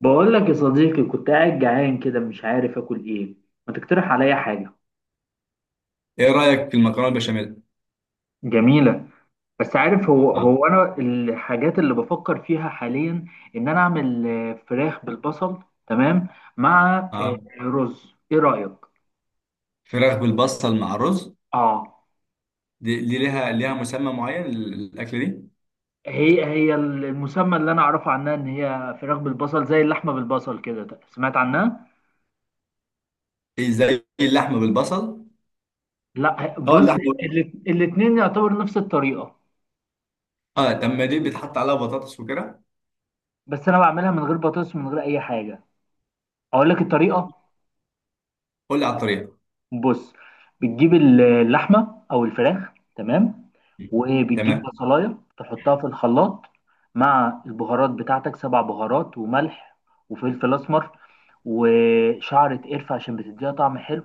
بقول لك يا صديقي، كنت قاعد جعان كده مش عارف اكل ايه. ما تقترح عليا حاجة. ايه رايك في المكرونه البشاميل؟ جميلة. بس عارف، هو اه. هو أنا الحاجات اللي بفكر فيها حاليا، إن أنا أعمل فراخ بالبصل. تمام. مع اه. رز. إيه رأيك؟ فراخ بالبصل مع رز. آه. دي ليها مسمى معين، الاكله دي. هي هي المسمى اللي أنا أعرفه عنها إن هي فراخ بالبصل زي اللحمة بالبصل كده. سمعت عنها؟ إيه، زي اللحمه بالبصل. لا، اه، بص. اللحمه. الاتنين يعتبر نفس الطريقة. اه، لما دي بيتحط عليها بطاطس وكده. بس أنا بعملها من غير بطاطس، من غير أي حاجة. أقول لك الطريقة. قول لي على الطريقه. بص. بتجيب اللحمه او الفراخ. تمام. وبتجيب تمام. بصلايه تحطها في الخلاط. مع البهارات بتاعتك، سبع بهارات، وملح وفلفل اسمر، وشعرة قرفة عشان بتديها طعم حلو.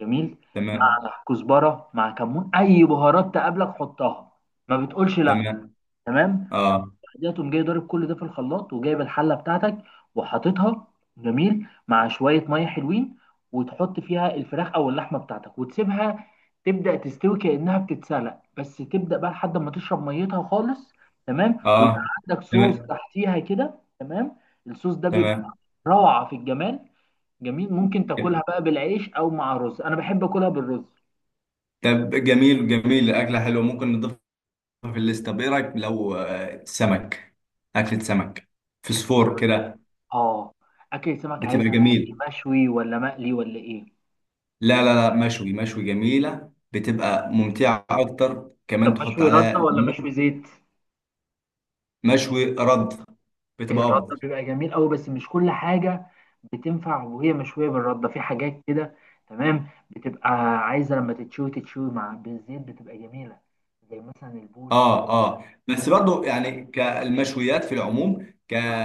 جميل. مع تمام. كزبرة، مع كمون، أي بهارات تقابلك حطها. ما بتقولش لأ. تمام. تمام. اه. ده تقوم جاي ضارب كل ده في الخلاط، وجايب الحله بتاعتك وحاططها. جميل. مع شويه ميه حلوين، وتحط فيها الفراخ او اللحمه بتاعتك وتسيبها. تبدا تستوي كانها بتتسلق، بس تبدا بقى لحد ما تشرب ميتها خالص. تمام، ويبقى اه. عندك صوص تمام. تحتيها كده. تمام. الصوص ده بيبقى تمام. روعه في الجمال. جميل. ممكن تاكلها بقى بالعيش او مع رز، انا بحب اكلها بالرز. طب جميل، جميل، اكله حلوه، ممكن نضيفها في الليست. طب ايه رايك لو سمك؟ اكله سمك. اكل السمك. فسفور كده. اه. اكل السمك بتبقى عايزها بقى. جميل. إيه؟ مشوي ولا مقلي ولا ايه؟ لا، لا، لا، مشوي، مشوي، جميلة بتبقى ممتعة أكتر، كمان طب تحط مشوي رده عليها ولا مشوي ليمون. زيت؟ مشوي رد. بتبقى الرده أفضل. بيبقى جميل قوي، بس مش كل حاجه بتنفع وهي مشويه بالرده، في حاجات كده. تمام، بتبقى عايزه لما تتشوي تتشوي مع بالزيت، بتبقى جميله. زي مثلا البوري مثلا. آه. آه. دي بس بالزيت. برضو يعني كالمشويات في العموم، ك أهو،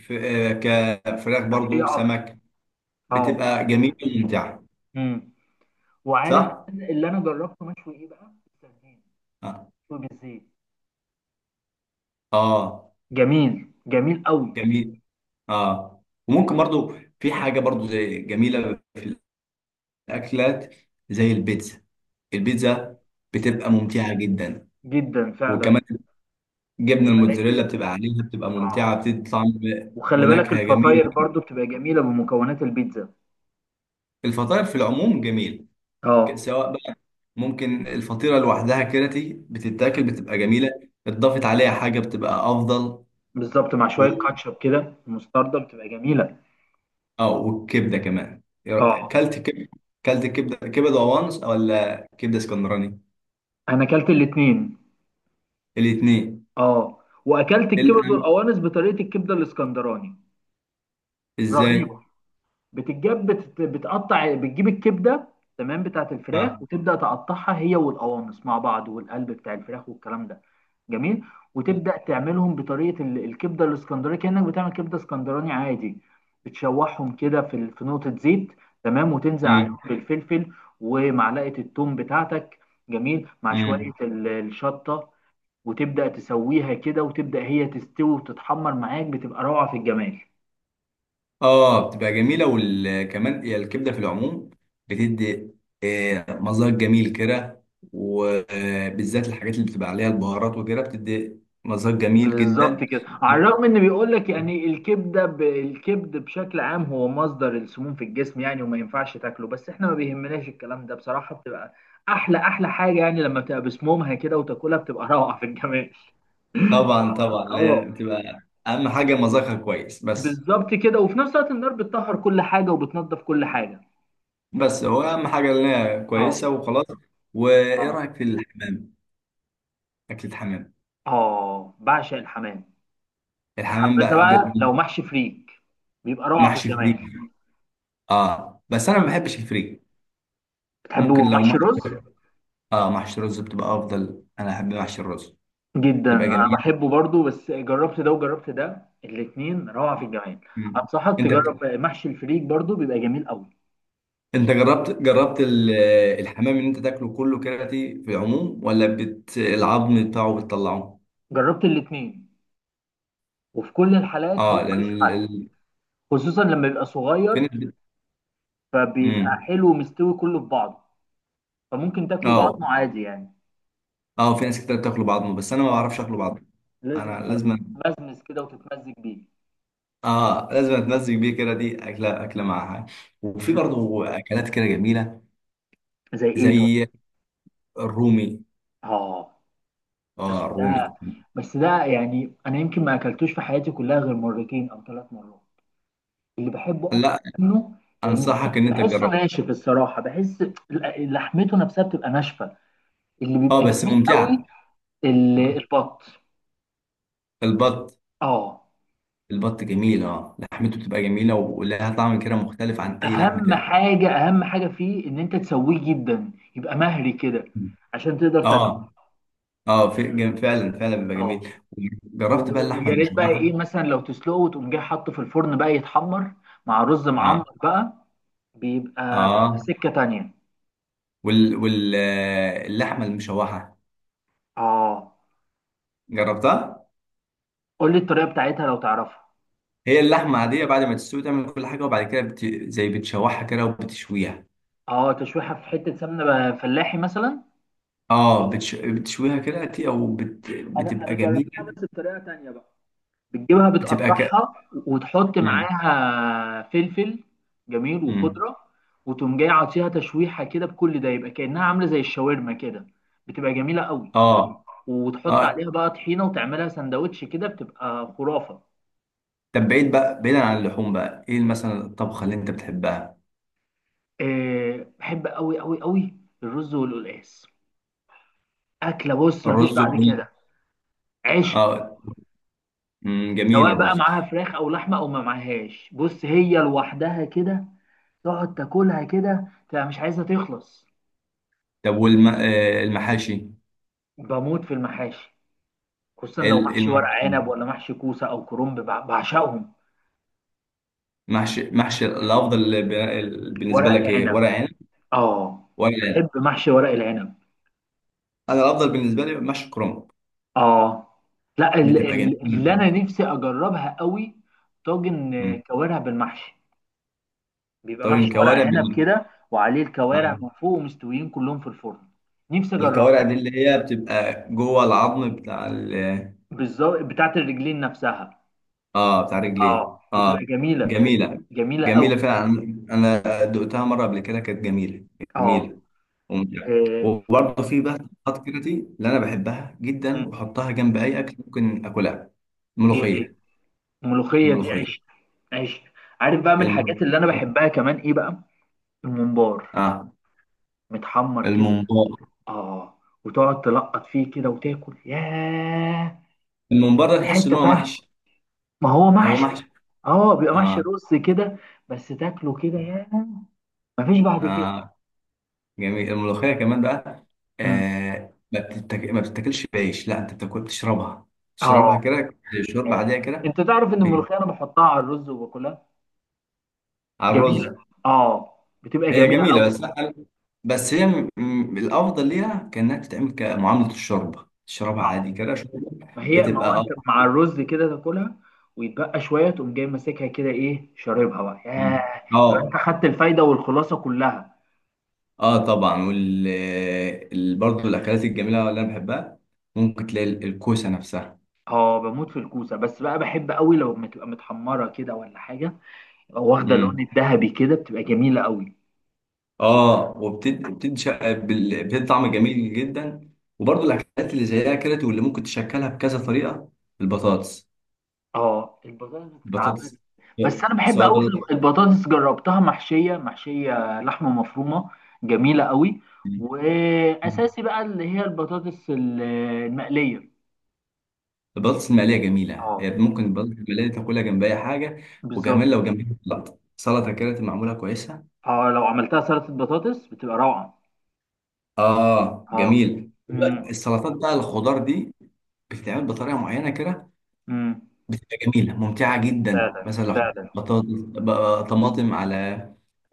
ف- آه، كفراخ صحيه برضو اكتر. سمك. اه. بتبقى جميلة وممتعة. امم. وعارف صح؟ كمان اللي انا جربته مشوي ايه بقى؟ السردين. آه. مشوي بالزيت. آه. جميل جميل قوي. جميل. آه، وممكن برضو في حاجة برضو زي جميلة في الأكلات، زي البيتزا. البيتزا بتبقى ممتعة جدا. جدا فعلا. وكمان جبنه الموتزاريلا ولكن. بتبقى عليها، بتبقى اه. ممتعه، بتدي طعم وخلي بالك ونكهه جميل. الفطاير برضو بتبقى جميله بمكونات البيتزا. الفطاير في العموم جميل. اه. سواء بقى، ممكن الفطيره لوحدها كرتي بتتاكل بتبقى جميله، اتضافت عليها حاجه بتبقى افضل. بالظبط. مع و... شويه كاتشب كده مستردة، بتبقى جميله. اه، والكبده كمان. اه. كلت كبده وانس، ولا كبده اسكندراني؟ انا اكلت الاتنين. الاثنين؟ اه. واكلت الكبد الام. والقوانص بطريقه الكبده الاسكندراني. ازاي؟ رهيبه. بتتجاب بتقطع، بتجيب الكبده. تمام، بتاعت الفراخ، اه. وتبدا تقطعها هي والقوانص مع بعض، والقلب بتاع الفراخ والكلام ده. جميل. وتبدا تعملهم بطريقه الكبده الاسكندراني، كانك بتعمل كبده اسكندراني عادي. بتشوحهم كده في نقطه زيت. تمام. وتنزل عليهم امم. بالفلفل ومعلقه الثوم بتاعتك. جميل. مع شويه إمم. الشطه. وتبدا تسويها كده، وتبدا هي تستوي وتتحمر معاك، بتبقى روعه في الجمال. اه، بتبقى جميله، وكمان هي الكبده في العموم بتدي مذاق جميل كده. وبالذات الحاجات اللي بتبقى عليها البهارات وكده بتدي مذاق جميل بالظبط جدا. كده. على الرغم ان بيقول لك يعني الكبده الكبد بشكل عام هو مصدر السموم في الجسم، يعني وما ينفعش تاكله، بس احنا ما بيهمناش الكلام ده بصراحه. بتبقى احلى احلى حاجه، يعني لما بتبقى بسمومها كده وتاكلها بتبقى روعه في الجمال. طبعا، طبعا، اللي هي اه. بتبقى اهم حاجه مذاقها كويس بس. بالظبط كده، وفي نفس الوقت النار بتطهر كل حاجه وبتنظف كل حاجه. بس هو اهم حاجه اللي هي اه. كويسه وخلاص. وايه اه. رايك في الحمام؟ اكل الحمام. اه، بعشق الحمام. يا الحمام حبذا بقى بقى لو محشي فريك، بيبقى روعه في محشي الجمال. فريك؟ اه، بس انا ما بحبش الفريك. بتحبوا ممكن لو محشي محشي. رز؟ اه، محشي رز بتبقى افضل، انا احب محشي الرز. جدا، تبقى انا جميله. بحبه برضو، بس جربت ده وجربت ده، الاتنين روعة في الجمال. مم. انصحك انت تجرب محشي الفريك برضو، بيبقى جميل قوي. انت جربت الحمام، ان انت تاكله كله كراتي في العموم، ولا العظم بتاعه بتطلعه؟ جربت الاتنين، وفي كل الحالات هو اه، لان ملوش حل. خصوصا لما بيبقى في صغير، ناس فبيبقى مم. حلو ومستوي كله في بعضه. فممكن تاكله اه. بعضمه عادي يعني. اه، في ناس كتير بتاكله بعظمه، بس انا ما اه، بعرفش اكله بعظمه. لازم انا لازم. تمزمز كده وتتمزج بيه. اه، لازم اتمزج بيه كده، دي اكله، اكله معاها. وفي مم. برضه اكلات كده جميله، زي ايه طيب؟ زي الرومي. اه. اه، بس ده الرومي. بس ده يعني انا يمكن ما اكلتوش في حياتي كلها غير مرتين او ثلاث مرات. اللي بحبه اكتر لا. منه، لان انصحك ان انت بحسه تجربه. ناشف الصراحه، بحس لحمته نفسها بتبقى ناشفه. اللي اه، بيبقى بس جميل قوي ممتعه. آه. البط. البط. اه. البط جميل، اه، لحمته بتبقى جميلة، ولها طعم كده مختلف عن أي لحم اهم تاني. حاجه، اهم حاجه فيه ان انت تسويه جدا، يبقى مهري كده عشان تقدر تاكله. اه. اه، في فعلا، فعلا بيبقى اه. جميل. جربت بقى اللحمة ويا ريت بقى ايه المشوحة؟ مثلا لو تسلقه وتقوم جاي حاطه في الفرن بقى يتحمر مع رز اه. معمر بقى، بيبقى في في اه، سكه تانية. وال وال آه، اللحمة المشوحة اه. جربتها. قول لي الطريقه بتاعتها لو تعرفها. هي اللحمة عادية، بعد ما تستوي تعمل كل حاجة، وبعد كده زي بتشوحها كده، وبتشويها. اه. تشويحه في حته سمنه بقى فلاحي مثلا. اه، بتشويها كده، انا بتبقى انا جميلة. جربتها بس بطريقه تانية بقى. بتجيبها، بتبقى ك... بتقطعها، وتحط مم. معاها فلفل، جميل، مم. وخضره، وتقوم جاي عاطيها تشويحه كده بكل ده، يبقى كانها عامله زي الشاورما كده، بتبقى جميله قوي. اه. وتحط اه، عليها بقى طحينه وتعملها سندوتش كده بتبقى خرافه. طب بعيد بقى، بعيدا عن اللحوم بقى، ايه مثلا الطبخه اللي انت بتحبها؟ أه، بحب قوي قوي قوي الرز والقلقاس. اكله، بص مفيش الرز بعد كده. وال... عشق. اه. جميل سواء بقى الرز. معاها فراخ او لحمه او ما معاهاش، بص هي لوحدها كده تقعد تاكلها كده تبقى مش عايزه تخلص. طب والم... آه، المحاشي. بموت في المحاشي، خصوصا إيه لو إيه محشي ورق المحشي، عنب، ولا محشي كوسه او كرنب، بعشقهم. محشي الافضل بالنسبه ورق لك؟ ايه، العنب. ورق عنب؟ اه، ورق بحب عنب. محشي ورق العنب. انا الافضل بالنسبه لي محشي كرنب. اه. لا، بتبقى اللي جميله. انا نفسي اجربها قوي طاجن أمم. كوارع بالمحشي. بيبقى طب محشي ورق الكوارع عنب بال... كده، وعليه الكوارع آه. من فوق، ومستويين كلهم في الفرن. نفسي اجربها. الكوارع دي اللي هي بتبقى جوه العظم بتاع بالظبط، بتاعت الرجلين نفسها. اه، بتاع رجليه. اه، اه. بتبقى جميله. جميله. جميله قوي. جميله فعلا. انا دقتها مره قبل كده، كانت جميله، اه. جميله وممتعه. وبرضه في بقى خطوات كده، دي اللي انا بحبها جدا، آه، واحطها جنب اي اكل، ممكن اكلها. ايه ايه الملوخيه. الملوخيه دي الملوخيه. عيش. عيش. عارف بقى من الحاجات الم... اللي انا بحبها كمان ايه بقى؟ الممبار اه، متحمر كده. الممبار. اه. وتقعد تلقط فيه كده وتاكل، ياه، الممبار ده في تحس ان حته هو تانية. محشي. ما هو هو محشي. محشي. اه، بيبقى محشي اه. رز كده. بس تاكله كده، ياه، مفيش بعد كده. اه، جميل. الملوخيه كمان بقى، مم. ما بتتاكلش بعيش، لا انت بتاكل بتشربها. تشربها اه. كده، شوربه ياه. عاديه كده. انت تعرف ان الملوخيه انا بحطها على الرز وباكلها. على جميله. الرز. اه. بتبقى هي جميله جميله بس، لا بس هي الافضل ليها كانها تتعمل كمعامله الشوربه، تشربها قوي. عادي كده شوربه، ما بتبقى هو انت اه. مع الرز كده تاكلها، ويتبقى شويه تقوم جاي ماسكها كده، ايه، شاربها بقى، مم. ياه، تبقى انت اه. خدت الفايده والخلاصه كلها. اه، طبعا. برضه الاكلات الجميله اللي انا بحبها، ممكن تلاقي الكوسه نفسها. اه، بموت في الكوسه. بس بقى بحب قوي لو بتبقى متحمره كده ولا حاجه، يبقى واخده اللون امم. الذهبي كده، بتبقى جميله قوي. اه، وبتدي بتدي طعم جميل جدا. وبرضه الاكلات اللي زيها كده، واللي ممكن تشكلها بكذا طريقه، البطاطس. اه، البطاطس بتتعمل. البطاطس. بس سواء، انا بحب قوي في سواء. البطاطس، جربتها محشيه، محشيه لحمه مفرومه، جميله قوي. بطاطس. واساسي بقى اللي هي البطاطس المقليه. البطاطس المقليه جميله، هي اه. ممكن البطاطس المقليه دي تاكلها جنب اي حاجه. وكمان بالظبط. لو جنبها سلطه، سلطه كده تبقى معموله كويسه. اه، لو عملتها سلطة بطاطس بتبقى روعة. اه، اه. جميل. امم. السلطات بقى الخضار دي بتتعمل بطريقه معينه كده، امم. بتبقى جميله ممتعه جدا. فعلا مثلا لو حطيت فعلا. بطاطس بقى، طماطم على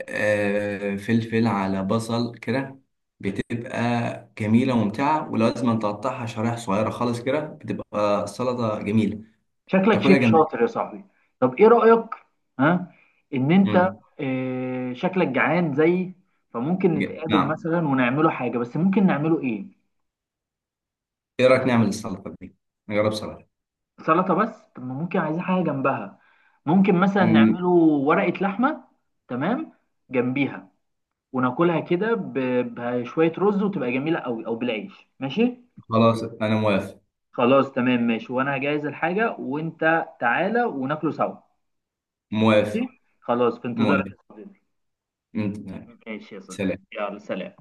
فلفل، على بصل كده، بتبقى جميله وممتعه. ولو لازم تقطعها شرايح صغيره خالص كده بتبقى السلطه جميله، شكلك شيف تاكلها جنب. شاطر يا صاحبي. طب ايه رأيك؟ ها؟ ان انت، مم. شكلك جعان زيي، فممكن نتقابل نعم. مثلا ونعمله حاجة، بس ممكن نعمله ايه؟ ايه رايك نعمل السلطه دي؟ نجرب سلطه. سلطة بس؟ طب ما ممكن عايزين حاجة جنبها. ممكن مثلا أمم. نعمله ورقة لحمة. تمام. جنبيها، وناكلها كده بشوية رز وتبقى جميلة قوي او بالعيش. ماشي. خلاص، انا موافق. خلاص، تمام، ماشي. وانا هجهز الحاجة وانت تعالى وناكله سوا. ماشي موافق. خلاص، في انتظارك موافق. يا صديقي. أمم. ماشي يا صديقي. سلام. يلا، سلام.